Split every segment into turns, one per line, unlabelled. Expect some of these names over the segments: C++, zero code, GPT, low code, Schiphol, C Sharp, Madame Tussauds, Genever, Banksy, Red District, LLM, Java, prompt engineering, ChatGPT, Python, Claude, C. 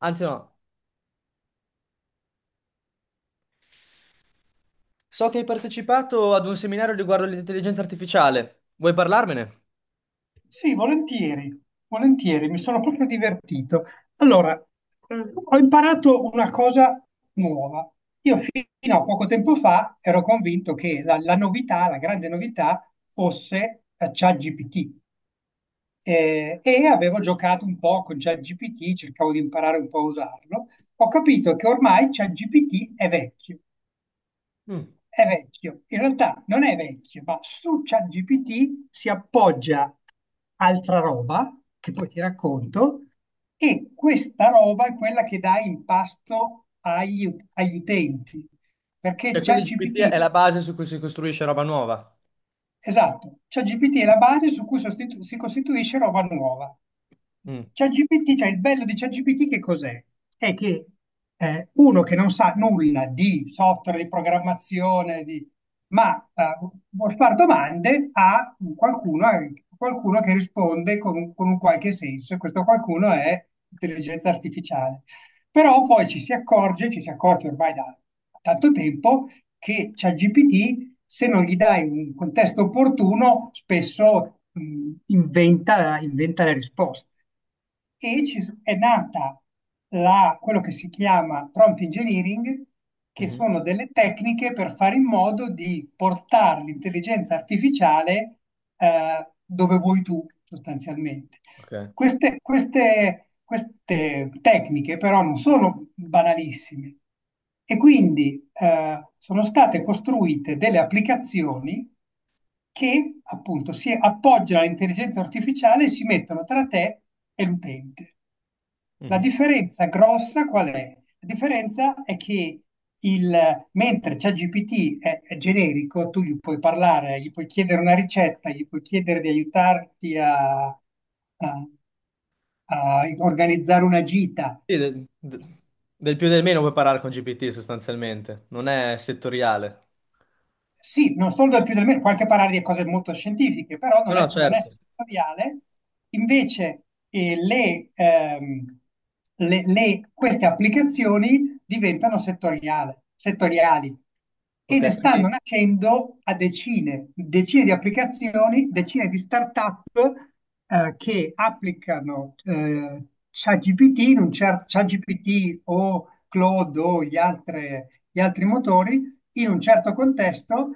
Anzi no, so che hai partecipato ad un seminario riguardo l'intelligenza artificiale. Vuoi parlarmene?
Sì, volentieri, volentieri, mi sono proprio divertito. Allora, ho imparato una cosa nuova. Io fino a poco tempo fa ero convinto che la novità, la grande novità, fosse ChatGPT. E avevo giocato un po' con ChatGPT, cercavo di imparare un po' a usarlo. Ho capito che ormai ChatGPT
Mm.
è vecchio, in realtà non è vecchio, ma su ChatGPT si appoggia altra roba che poi ti racconto e questa roba è quella che dà impasto agli utenti, perché
Cioè, quindi GPT
ChatGPT...
è la base su cui si costruisce roba nuova.
Esatto, ChatGPT è la base su cui si costituisce roba nuova.
Mm.
ChatGPT, cioè il bello di ChatGPT che cos'è? È che uno che non sa nulla di software, di programmazione, ma vuol fare domande a qualcuno che risponde con un qualche senso, e questo qualcuno è intelligenza artificiale. Però poi ci si accorge ormai da tanto tempo, che ChatGPT, se non gli dai un contesto opportuno, spesso inventa, inventa le risposte. E è nata quello che si chiama prompt engineering, che
Mhm.
sono delle tecniche per fare in modo di portare l'intelligenza artificiale dove vuoi tu, sostanzialmente.
Ok.
Queste tecniche però non sono banalissime, e quindi sono state costruite delle applicazioni che appunto si appoggiano all'intelligenza artificiale e si mettono tra te e l'utente. La
Mhm.
differenza grossa qual è? La differenza è che mentre ChatGPT è generico, tu gli puoi parlare, gli puoi chiedere una ricetta, gli puoi chiedere di aiutarti a- a organizzare una gita.
Sì, del più e del meno puoi parlare con GPT sostanzialmente, non è settoriale.
Sì, non solo del più del meno, può anche parlare di cose molto scientifiche, però
No,
non
no,
è, non è
certo.
settoriale. Invece queste applicazioni diventano settoriali, e
Ok,
ne
quindi,
stanno nascendo a decine, decine di applicazioni, decine di start-up che applicano ChatGPT in un ChatGPT o Claude o gli altri motori in un certo contesto,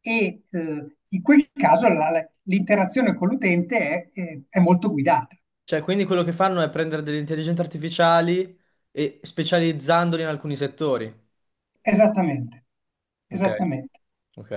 e in quel caso l'interazione con l'utente è molto guidata.
cioè, quindi quello che fanno è prendere delle intelligenze artificiali e specializzandoli in alcuni settori.
Esattamente,
Ok.
esattamente,
Ok.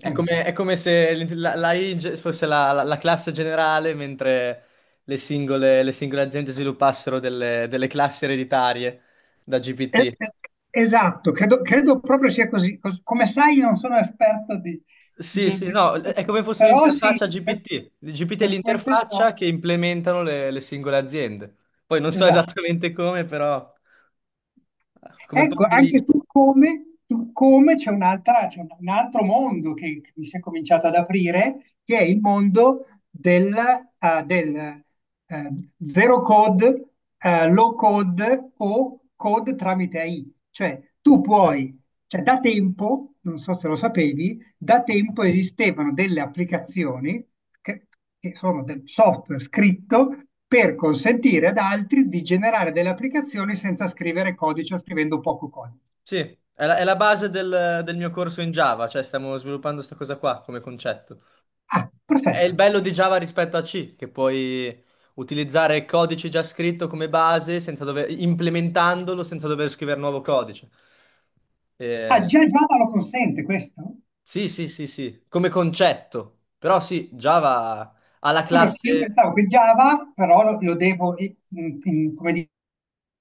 È come se l- la- l'AI fosse la classe generale, mentre le singole aziende sviluppassero delle, delle classi ereditarie da
Eh,
GPT.
eh, Esatto, credo proprio sia così. Come sai, non sono esperto di,
Sì,
di-
sì,
di
no,
questo,
è come fosse
però sì,
un'interfaccia
per,
GPT. Il GPT è
per quel che
l'interfaccia
so,
che implementano le singole aziende. Poi non so
esatto.
esattamente come, però come
Ecco,
parte lì.
anche su come c'è c'è un altro mondo che mi si è cominciato ad aprire, che è il mondo del zero code, low code o code tramite AI. Cioè, cioè da tempo, non so se lo sapevi, da tempo esistevano delle applicazioni che, che sono del software scritto per consentire ad altri di generare delle applicazioni senza scrivere codice o scrivendo poco codice.
Sì, è la base del, mio corso in Java, cioè stiamo sviluppando questa cosa qua come concetto.
Ah,
È il
perfetto.
bello di Java rispetto a C, che puoi utilizzare codice già scritto come base senza dover- implementandolo senza dover scrivere nuovo codice.
Ah,
Eh,
già Java lo consente questo?
sì, sì, sì, sì, come concetto. Però sì, Java ha la
Scusa, io
classe.
pensavo che Java però lo devo,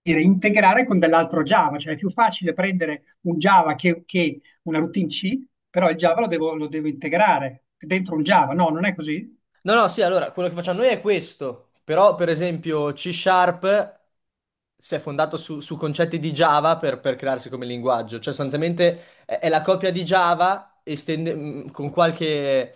dire, integrare con dell'altro Java, cioè è più facile prendere un Java che una routine C, però il Java lo devo integrare dentro un Java. No, non è così?
No, no, sì, allora, quello che facciamo noi è questo, però per esempio C Sharp si è fondato su, su concetti di Java per crearsi come linguaggio, cioè sostanzialmente è la copia di Java con qualche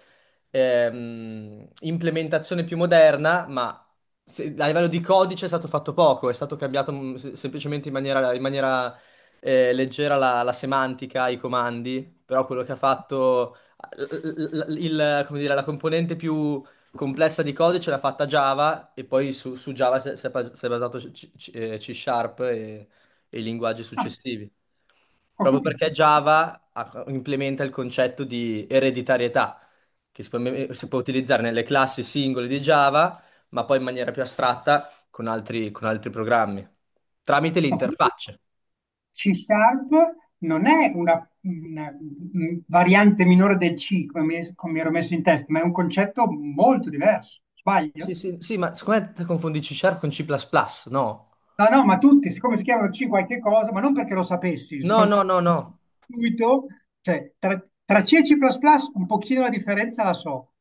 implementazione più moderna, ma a livello di codice è stato fatto poco, è stato cambiato semplicemente in maniera, leggera la semantica, i comandi, però quello che ha fatto come dire, la componente più complessa di codice l'ha fatta Java e poi su, su Java si è basato C, C Sharp e i linguaggi successivi.
Ho
Proprio
capito.
perché Java implementa il concetto di ereditarietà, che si può, si può utilizzare nelle classi singole di Java, ma poi in maniera più astratta con altri programmi, tramite
Ma quindi
l'interfaccia.
C Sharp non è variante minore del C, come mi ero messo in testa, ma è un concetto molto diverso.
Sì, sì,
Sbaglio?
sì, sì, ma secondo me te confondi C Sharp con C++, no?
No, no, ma tutti, siccome si chiamano C qualche cosa, ma non perché lo sapessi,
No,
sono
no, no, no.
subito, cioè, tra C e C++ un pochino la differenza la so.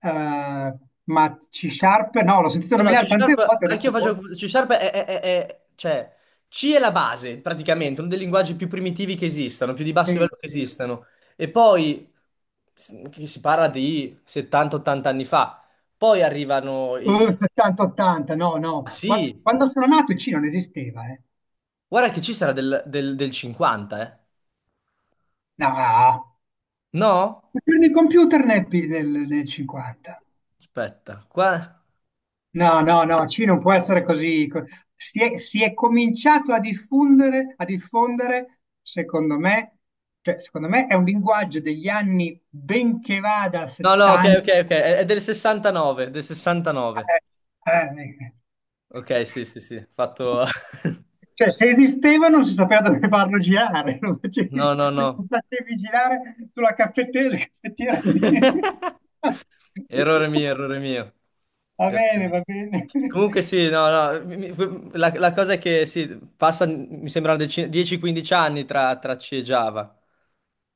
Eh, ma C Sharp no, l'ho sentito
No, no, C
nominare tante
Sharp,
volte, ho
anch'io
detto, boh,
faccio C Sharp cioè, C è la base, praticamente, uno dei linguaggi più primitivi che esistano, più di basso
sì,
livello che
sì.
esistano. E poi, che si parla di 70-80 anni fa, poi arrivano i...
70-80, no, no.
Ah, sì,
Quando sono nato il C non esisteva, eh.
guarda che C sarà del, del 50, eh.
No, ma
No?
prendi il computer nel 50.
Aspetta, qua...
No, no, no, C non può essere così. Si è cominciato a diffondere, secondo me, cioè, secondo me è un linguaggio degli anni, benché vada a
No, no, ok, ok,
70.
ok, è del 69, del 69.
eh, eh, eh,
Ok, sì, sì, sì, fatto...
Cioè, se esisteva non si sapeva dove farlo girare, lo
No,
facevi,
no,
lo
no.
facevi girare sulla caffettiera, la caffettiera.
Errore mio, errore mio.
Va
Errore
bene,
mio.
va bene.
Comunque sì, no, no, la cosa è che sì, passa, mi sembra, 10-15 anni tra, tra C e Java.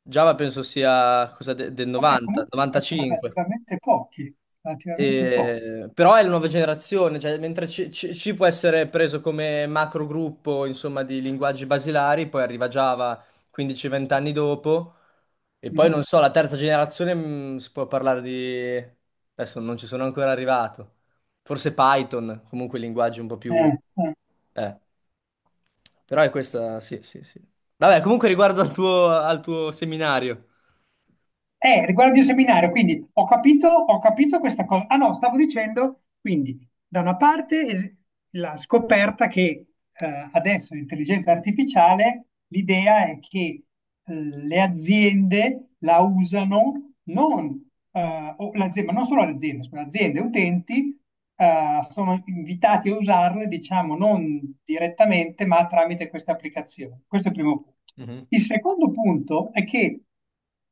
Java penso sia del
Vabbè,
90,
comunque
95.
relativamente pochi, relativamente pochi.
Però è la nuova generazione, cioè, mentre C, C può essere preso come macro gruppo, insomma, di linguaggi basilari, poi arriva Java 15-20 anni dopo, e poi
Mm.
non so, la terza generazione si può parlare di... Adesso non ci sono ancora arrivato. Forse Python, comunque linguaggi un po' più...
Eh, eh.
eh. Però è questa, sì, sì, sì. Vabbè, comunque riguardo al tuo seminario.
Riguardo il mio seminario, quindi ho capito, questa cosa. Ah no, stavo dicendo, quindi, da una parte la scoperta che adesso l'intelligenza artificiale, l'idea è che le aziende la usano non, o l'azienda, ma non solo le aziende, scusa, aziende e utenti sono invitati a usarle, diciamo, non direttamente, ma tramite queste applicazioni. Questo è il primo punto.
Mhm.
Il secondo punto è che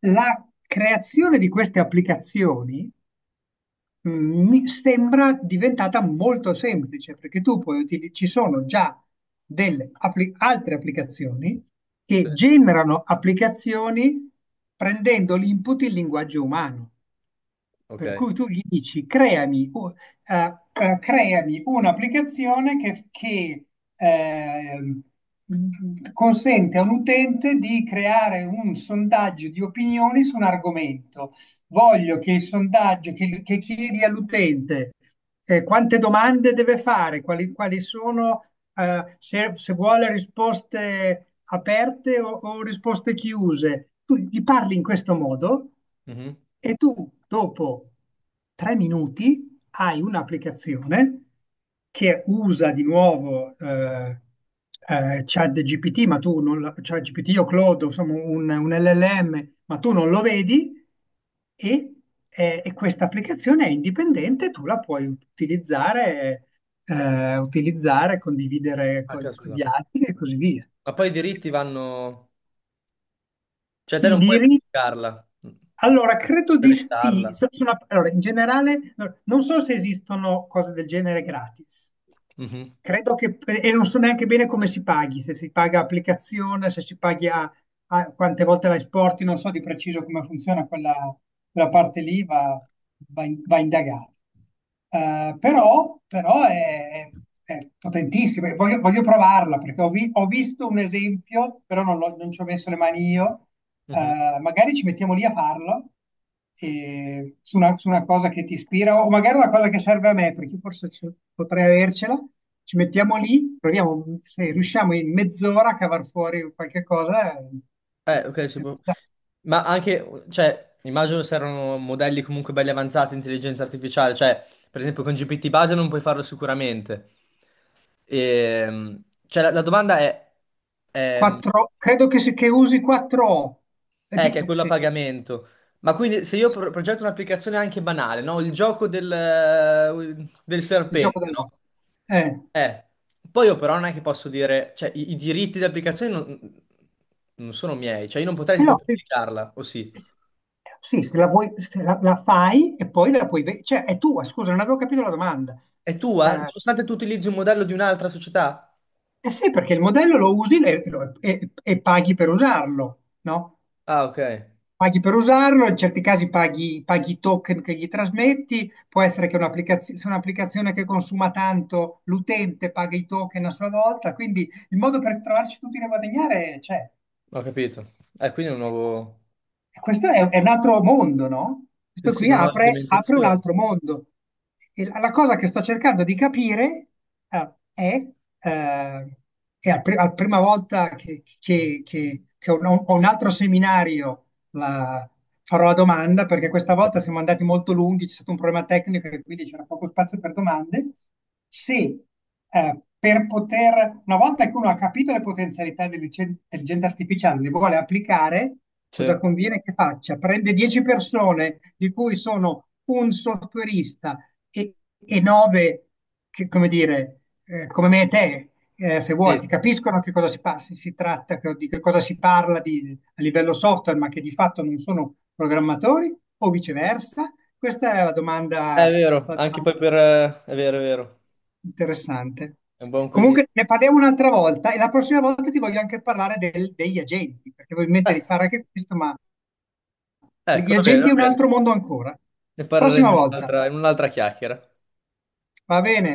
la creazione di queste applicazioni mi sembra diventata molto semplice, perché tu puoi ci sono già altre applicazioni
Sì,
che generano applicazioni prendendo l'input in linguaggio umano.
ok.
Per cui tu gli dici: creami, creami un'applicazione ehm, consente a un utente di creare un sondaggio di opinioni su un argomento. Voglio che il sondaggio che chiedi all'utente quante domande deve fare, quali sono, se vuole risposte aperte o risposte chiuse. Tu gli parli in questo modo
Mhm.
e tu dopo 3 minuti hai un'applicazione che usa di nuovo ChatGPT, ma tu non ChatGPT o Claude, insomma un LLM, ma tu non lo vedi, e, e questa applicazione è indipendente, tu la puoi utilizzare, condividere
Ah,
con
caspita.
gli altri, e così via.
Ma poi i diritti vanno... Cioè te
I
non puoi
diritti.
pubblicarla,
Allora, credo di sì.
brevettarla.
Allora, in generale, non so se esistono cose del genere gratis.
Mhm,
E non so neanche bene come si paghi, se si paga applicazione, se si paghi quante volte la esporti, non so di preciso come funziona quella, parte lì, va indagato. Però è potentissima, e voglio provarla, perché ho visto un esempio, però non, non ci ho messo le mani io.
mhm.
Magari ci mettiamo lì a farlo su una cosa che ti ispira, o magari una cosa che serve a me, perché forse potrei avercela. Ci mettiamo lì, proviamo, se riusciamo in mezz'ora a cavar fuori qualche cosa.
Ok, si può.
Da-
Ma anche, cioè, immagino se erano modelli comunque belli avanzati, intelligenza artificiale, cioè, per esempio con GPT base non puoi farlo sicuramente. Cioè, la, la domanda è, ehm,
credo che usi 4O.
eh, che è quello a
Sì,
pagamento. Ma quindi se io
sì,
progetto un'applicazione anche banale, no? Il gioco del, del
il gioco
serpente,
del
no?
no. Eh,
Eh, poi io però non è che posso dire, cioè i diritti di applicazione non, non sono miei, cioè io non potrei
Però,
tipo pubblicarla, o sì.
sì, sì, se la fai e poi la puoi. Cioè, è tua, scusa, non avevo capito la domanda.
È tua?
eh,
Nonostante tu utilizzi un modello di un'altra società?
Eh sì, perché il modello lo usi e paghi per usarlo, no?
Ah, ok,
Paghi per usarlo, in certi casi paghi i token che gli trasmetti, può essere che un'applicazione, se è un'applicazione che consuma tanto, l'utente paga i token a sua volta, quindi il modo per trovarci tutti a guadagnare c'è.
ho capito. Quindi è un nuovo...
E questo è un altro mondo, no?
Sì,
Questo
sì,
qui
una nuova
apre un
implementazione.
altro mondo. E la cosa che sto cercando di capire eh, è, eh, è la prima volta che ho un altro seminario, la- farò la domanda, perché questa volta siamo andati molto lunghi, c'è stato un problema tecnico e quindi c'era poco spazio per domande. Se per poter, una volta che uno ha capito le potenzialità dell'intelligenza artificiale, le vuole applicare,
Sì.
cosa conviene che faccia? Prende 10 persone, di cui sono un softwareista e, e 9, che, come dire, come me e te, se vuoi,
Sì,
che capiscono che cosa si tratta, di che cosa si parla, a livello software, ma che di fatto non sono programmatori, o viceversa? Questa è
è vero,
la
anche poi per...
domanda
È vero, è vero,
interessante.
è un buon quesito.
Comunque ne parliamo un'altra volta, e la prossima volta ti voglio anche parlare degli agenti, perché voglio
Eh,
mettere di fare anche questo, ma
ecco,
gli
va bene,
agenti è
va
un
bene.
altro mondo ancora.
Ne
Prossima
parleremo in
volta,
un'altra chiacchiera.
va bene?